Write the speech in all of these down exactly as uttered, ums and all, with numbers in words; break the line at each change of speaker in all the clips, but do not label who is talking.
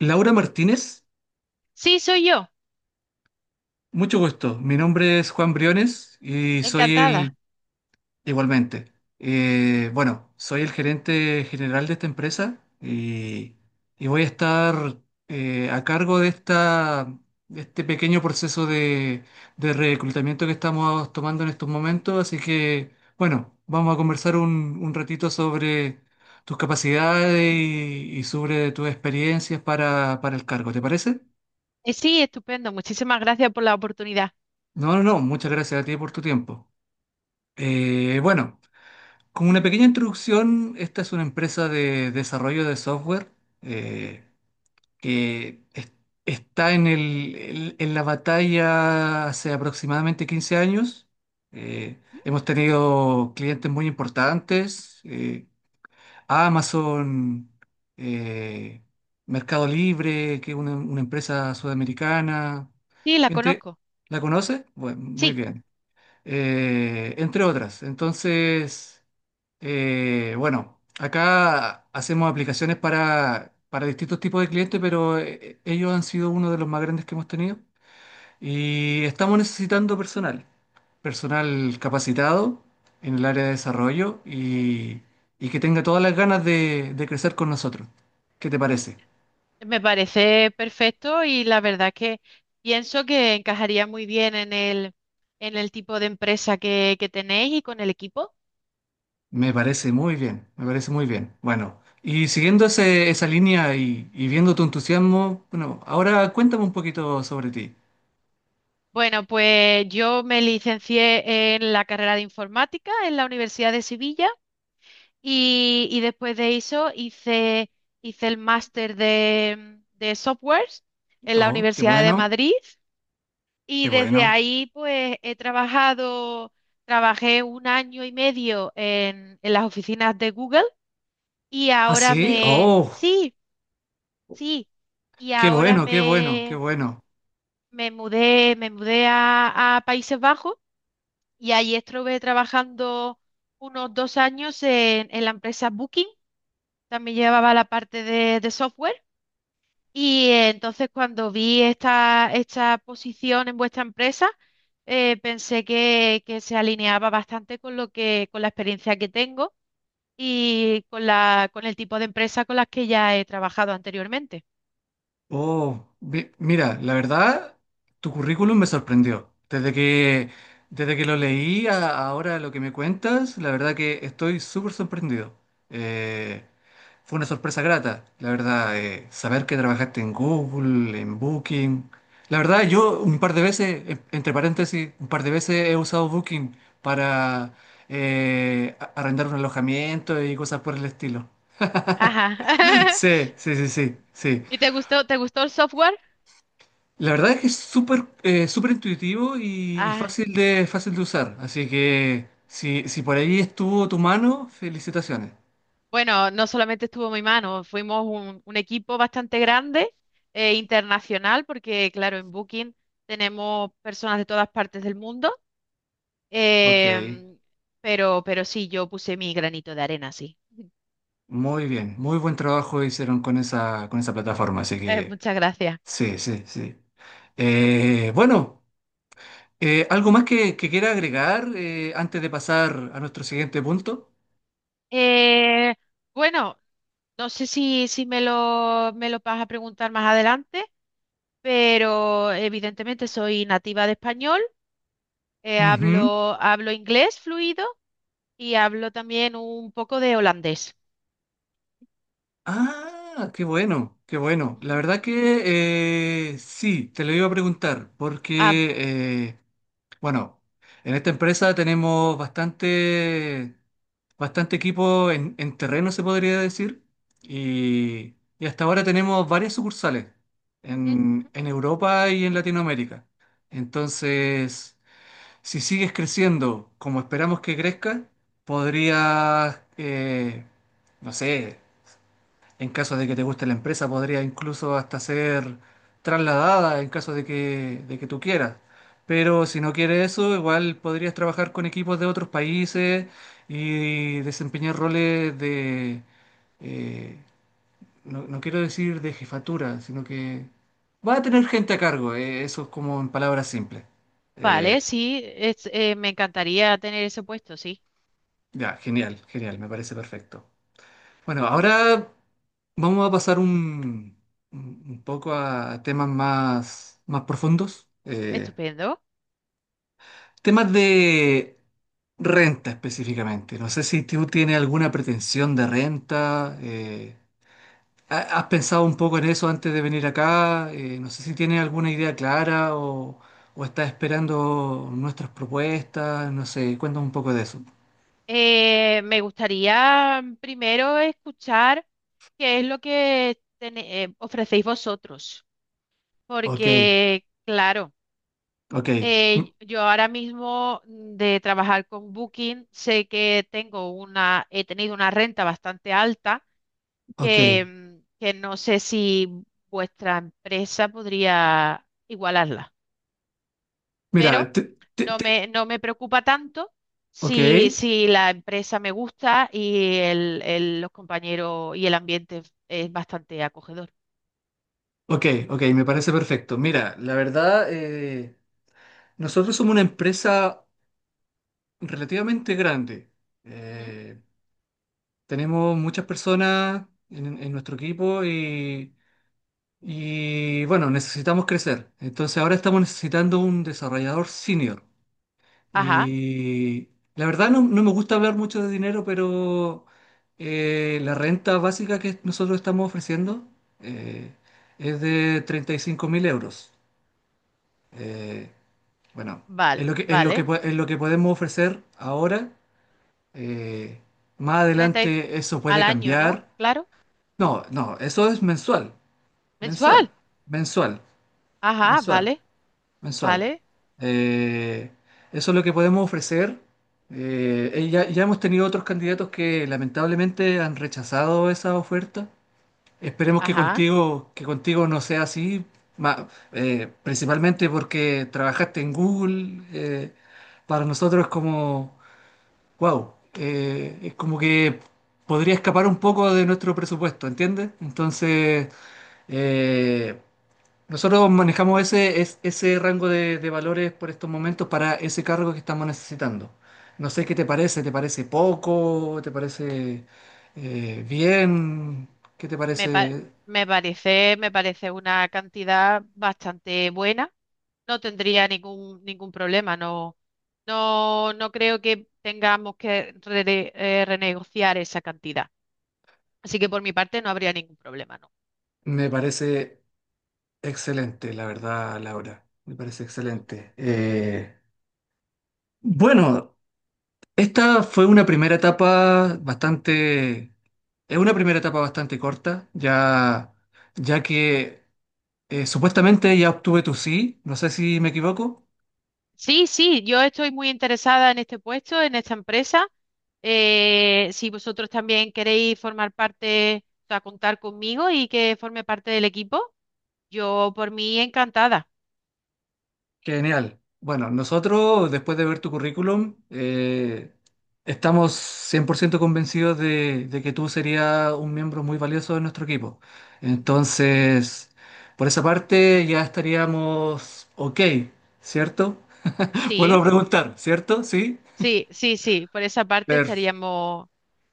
Laura Martínez,
Sí, soy yo.
mucho gusto. Mi nombre es Juan Briones. Y soy
Encantada.
el, igualmente. Eh, bueno, soy el gerente general de esta empresa y, y voy a estar eh, a cargo de esta, de este pequeño proceso de, de reclutamiento que estamos tomando en estos momentos. Así que, bueno, vamos a conversar un, un ratito sobre tus capacidades y, y sobre tus experiencias para, para el cargo. ¿Te parece?
Eh, sí, estupendo. Muchísimas gracias por la oportunidad.
No, no, no, muchas gracias a ti por tu tiempo. Eh, bueno, como una pequeña introducción, esta es una empresa de desarrollo de software.
¿Mm?
Eh, que es- está en el- el- En la batalla hace aproximadamente quince años. Eh, Hemos tenido clientes muy importantes: eh, Amazon, eh, Mercado Libre, que es una, una empresa sudamericana.
Sí, la
Entre,
conozco.
¿La conoces? Bueno, muy
Sí,
bien. Eh, entre otras. Entonces, eh, bueno, acá hacemos aplicaciones para, para distintos tipos de clientes, pero eh, ellos han sido uno de los más grandes que hemos tenido y estamos necesitando personal, personal capacitado en el área de desarrollo y, y que tenga todas las ganas de, de crecer con nosotros. ¿Qué te parece?
me parece perfecto y la verdad que pienso que encajaría muy bien en el, en el tipo de empresa que, que tenéis y con el equipo.
Me parece muy bien, me parece muy bien. Bueno, y siguiendo ese- esa línea y, y viendo tu entusiasmo, bueno, ahora cuéntame un poquito sobre ti.
Bueno, pues yo me licencié en la carrera de informática en la Universidad de Sevilla y, y después de eso hice, hice el máster de, de softwares en la
Oh, qué
Universidad de
bueno,
Madrid. Y
qué
desde
bueno.
ahí, pues he trabajado, trabajé un año y medio en, en las oficinas de Google y
¿Ah,
ahora
sí?
me,
Oh,
sí, sí, y
qué
ahora
bueno, qué bueno, qué
me,
bueno.
me mudé, me mudé a, a Países Bajos y ahí estuve trabajando unos dos años en, en la empresa Booking, también llevaba la parte de de software. Y eh, entonces cuando vi esta, esta posición en vuestra empresa, eh, pensé que, que se alineaba bastante con lo que, con la experiencia que tengo y con la, con el tipo de empresa con las que ya he trabajado anteriormente.
Oh, mi- mira, la verdad, tu currículum me sorprendió. Desde que, desde que lo leí a ahora lo que me cuentas, la verdad que estoy súper sorprendido. Eh, Fue una sorpresa grata, la verdad, eh, saber que trabajaste en Google, en Booking. La verdad, yo un par de veces, en- entre paréntesis, un par de veces he usado Booking para eh, a- arrendar un alojamiento y cosas por el estilo.
Ajá.
Sí, sí, sí, sí, sí.
¿Y te gustó, te gustó el software?
La verdad es que es súper eh, súper intuitivo y, y
Ah,
fácil de, fácil de usar. Así que si, si por ahí estuvo tu mano, felicitaciones.
bueno, no solamente estuvo en mi mano, fuimos un, un equipo bastante grande, eh, internacional, porque claro, en Booking tenemos personas de todas partes del mundo.
Ok,
Em, pero, pero sí, yo puse mi granito de arena, sí.
muy bien, muy buen trabajo hicieron con esa, con esa plataforma, así
Eh,
que
muchas gracias.
sí, sí, sí. Eh, bueno, eh, ¿algo más que, que quiera agregar eh, antes de pasar a nuestro siguiente punto?
Eh, bueno, no sé si, si me lo, me lo vas a preguntar más adelante, pero evidentemente soy nativa de español, eh,
Ujú.
hablo, hablo inglés fluido y hablo también un poco de holandés.
Ah, qué bueno, qué bueno. La
Ujú.
verdad que eh, sí, te lo iba a preguntar,
Ah,
porque eh, bueno, en esta empresa tenemos bastante, bastante equipo en, en terreno, se podría decir, y, y hasta ahora tenemos varias sucursales
ujú,
en,
ujú.
en Europa y en Latinoamérica. Entonces, si sigues creciendo como esperamos que crezca, podrías, eh, no sé. En caso de que te guste la empresa, podría incluso hasta ser trasladada en caso de que, de que tú quieras. Pero si no quieres eso, igual podrías trabajar con equipos de otros países y desempeñar roles de, eh, no, no quiero decir de jefatura, sino que va a tener gente a cargo. Eh, eso es como en palabras simples.
Vale,
Eh,
sí, es- eh, me encantaría tener ese puesto, sí.
ya, genial, genial, me parece perfecto. Bueno, ahora vamos a pasar un, un- un poco a temas más, más profundos. Eh,
Estupendo.
temas de renta específicamente. No sé si tú tienes alguna pretensión de renta. Eh, ha- ¿has pensado un poco en eso antes de venir acá? Eh, no sé si tienes alguna idea clara o, o estás esperando nuestras propuestas. No sé, cuéntame un poco de eso.
Eh, me gustaría primero escuchar qué es lo que tene- eh, ofrecéis vosotros,
Ok,
porque claro,
ok, mm,
eh, yo ahora mismo mm, de trabajar con Booking sé que tengo una, he tenido una renta bastante alta
ok.
que, mm, que no sé si vuestra empresa podría igualarla, pero
Mira, te, te-
no
te-
me, no me preocupa tanto
ok.
si, si la empresa me gusta y el, el- los compañeros y el ambiente es es bastante acogedor.
Ok, ok, me parece perfecto. Mira, la verdad, eh, nosotros somos una empresa relativamente grande.
Ujú.
Eh, Tenemos muchas personas en, en nuestro equipo y, y, bueno, necesitamos crecer. Entonces ahora estamos necesitando un desarrollador senior.
Ajá,
Y la verdad no, no me gusta hablar mucho de dinero, pero eh, la renta básica que nosotros estamos ofreciendo eh, es de treinta y cinco mil euros. Eh, Bueno,
vale,
es lo que, es lo que,
vale.
po- es lo que podemos ofrecer ahora. eh, Más
Treinta y-
adelante eso
al
puede
año, ¿no?
cambiar.
Claro.
No, no, eso es mensual, mensual,
Mensual.
mensual,
Ajá,
mensual,
vale,
mensual.
vale.
Eh, Eso es lo que podemos ofrecer. Eh, eh, ya, ya hemos tenido otros candidatos que lamentablemente han rechazado esa oferta. Esperemos que
Ajá.
contigo, que contigo no sea así. ma- eh, Principalmente porque trabajaste en Google. Eh, para nosotros es como «wow». Eh, es como que podría escapar un poco de nuestro presupuesto, ¿entiendes? Entonces, eh, nosotros manejamos ese, es- ese rango de, de valores por estos momentos para ese cargo que estamos necesitando. No sé qué te parece, ¿te parece poco? ¿Te parece eh, bien? ¿Qué te
Me, pa-
parece?
me parece, me parece una cantidad bastante buena. No tendría ningún, ningún problema. No, no, no creo que tengamos que rene- eh, renegociar esa cantidad. Así que por mi parte no habría ningún problema, ¿no?
Me parece excelente, la verdad, Laura. Me parece
Ujú.
excelente. Eh, bueno, esta fue una primera etapa bastante, es una primera etapa bastante corta, ya, ya que eh, supuestamente ya obtuve tu sí, no sé si me equivoco.
Sí, sí, yo estoy muy interesada en este puesto, en esta empresa. Eh, si vosotros también queréis formar parte, o sea, contar conmigo y que forme parte del equipo, yo por mí encantada.
Genial. Bueno, nosotros, después de ver tu currículum, eh, estamos cien por ciento convencidos de, de que tú serías un miembro muy valioso de nuestro equipo.
Ujú.
Entonces, por esa parte ya estaríamos ok, ¿cierto? Vuelvo a
Sí.
preguntar, ¿cierto? Sí.
Sí, sí, sí, por esa parte
Per-
estaríamos...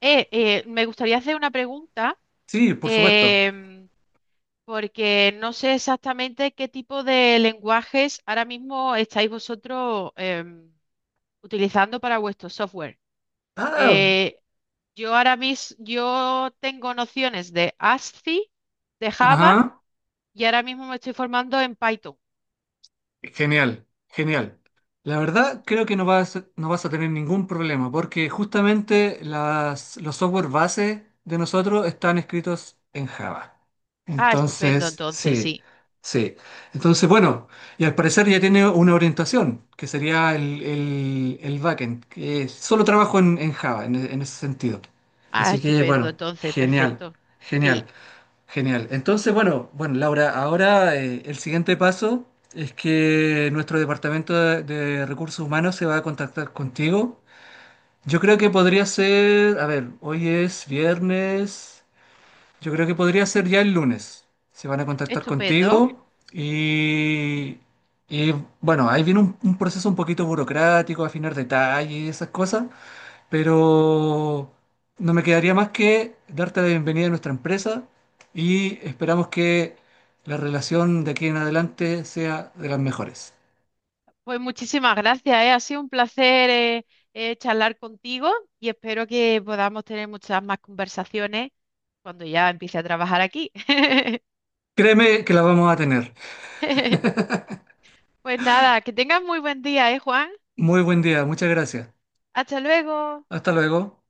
Eh, eh, me gustaría hacer una pregunta,
sí, por supuesto.
em, porque no sé exactamente qué tipo de lenguajes ahora mismo estáis vosotros em, utilizando para vuestro software.
Ah,
Eh, yo ahora mismo, yo tengo nociones de ASCII, de Java,
ajá.
y ahora mismo me estoy formando en Python.
Genial, genial. La verdad, creo que no vas, no vas a tener ningún problema, porque justamente las, los software base de nosotros están escritos en Java.
Ah, estupendo,
Entonces,
entonces,
sí,
sí.
sí. Entonces, bueno, y al parecer ya tiene una orientación, que sería el, el, el backend, que solo trabajo en, en Java, en, en ese sentido.
Ah,
Así que,
estupendo,
bueno,
entonces,
genial,
perfecto. Sí,
genial. Genial. Entonces, bueno, bueno, Laura, ahora eh, el siguiente paso es que nuestro departamento de, de recursos humanos se va a contactar contigo. Yo creo que podría ser, a ver, hoy es viernes, yo creo que podría ser ya el lunes. Se van a contactar
estupendo.
contigo y, y, bueno, ahí viene un, un proceso un poquito burocrático, afinar detalles y esas cosas, pero no me quedaría más que darte la bienvenida a nuestra empresa y esperamos que la relación de aquí en adelante sea de las mejores.
Pues muchísimas gracias, ¿eh? Ha sido un placer eh, eh, charlar contigo y espero que podamos tener muchas más conversaciones cuando ya empiece a trabajar aquí.
Créeme que la vamos a tener.
Pues nada, que tengas muy buen día, ¿eh, Juan?
Muy buen día, muchas gracias.
Hasta luego.
Hasta luego.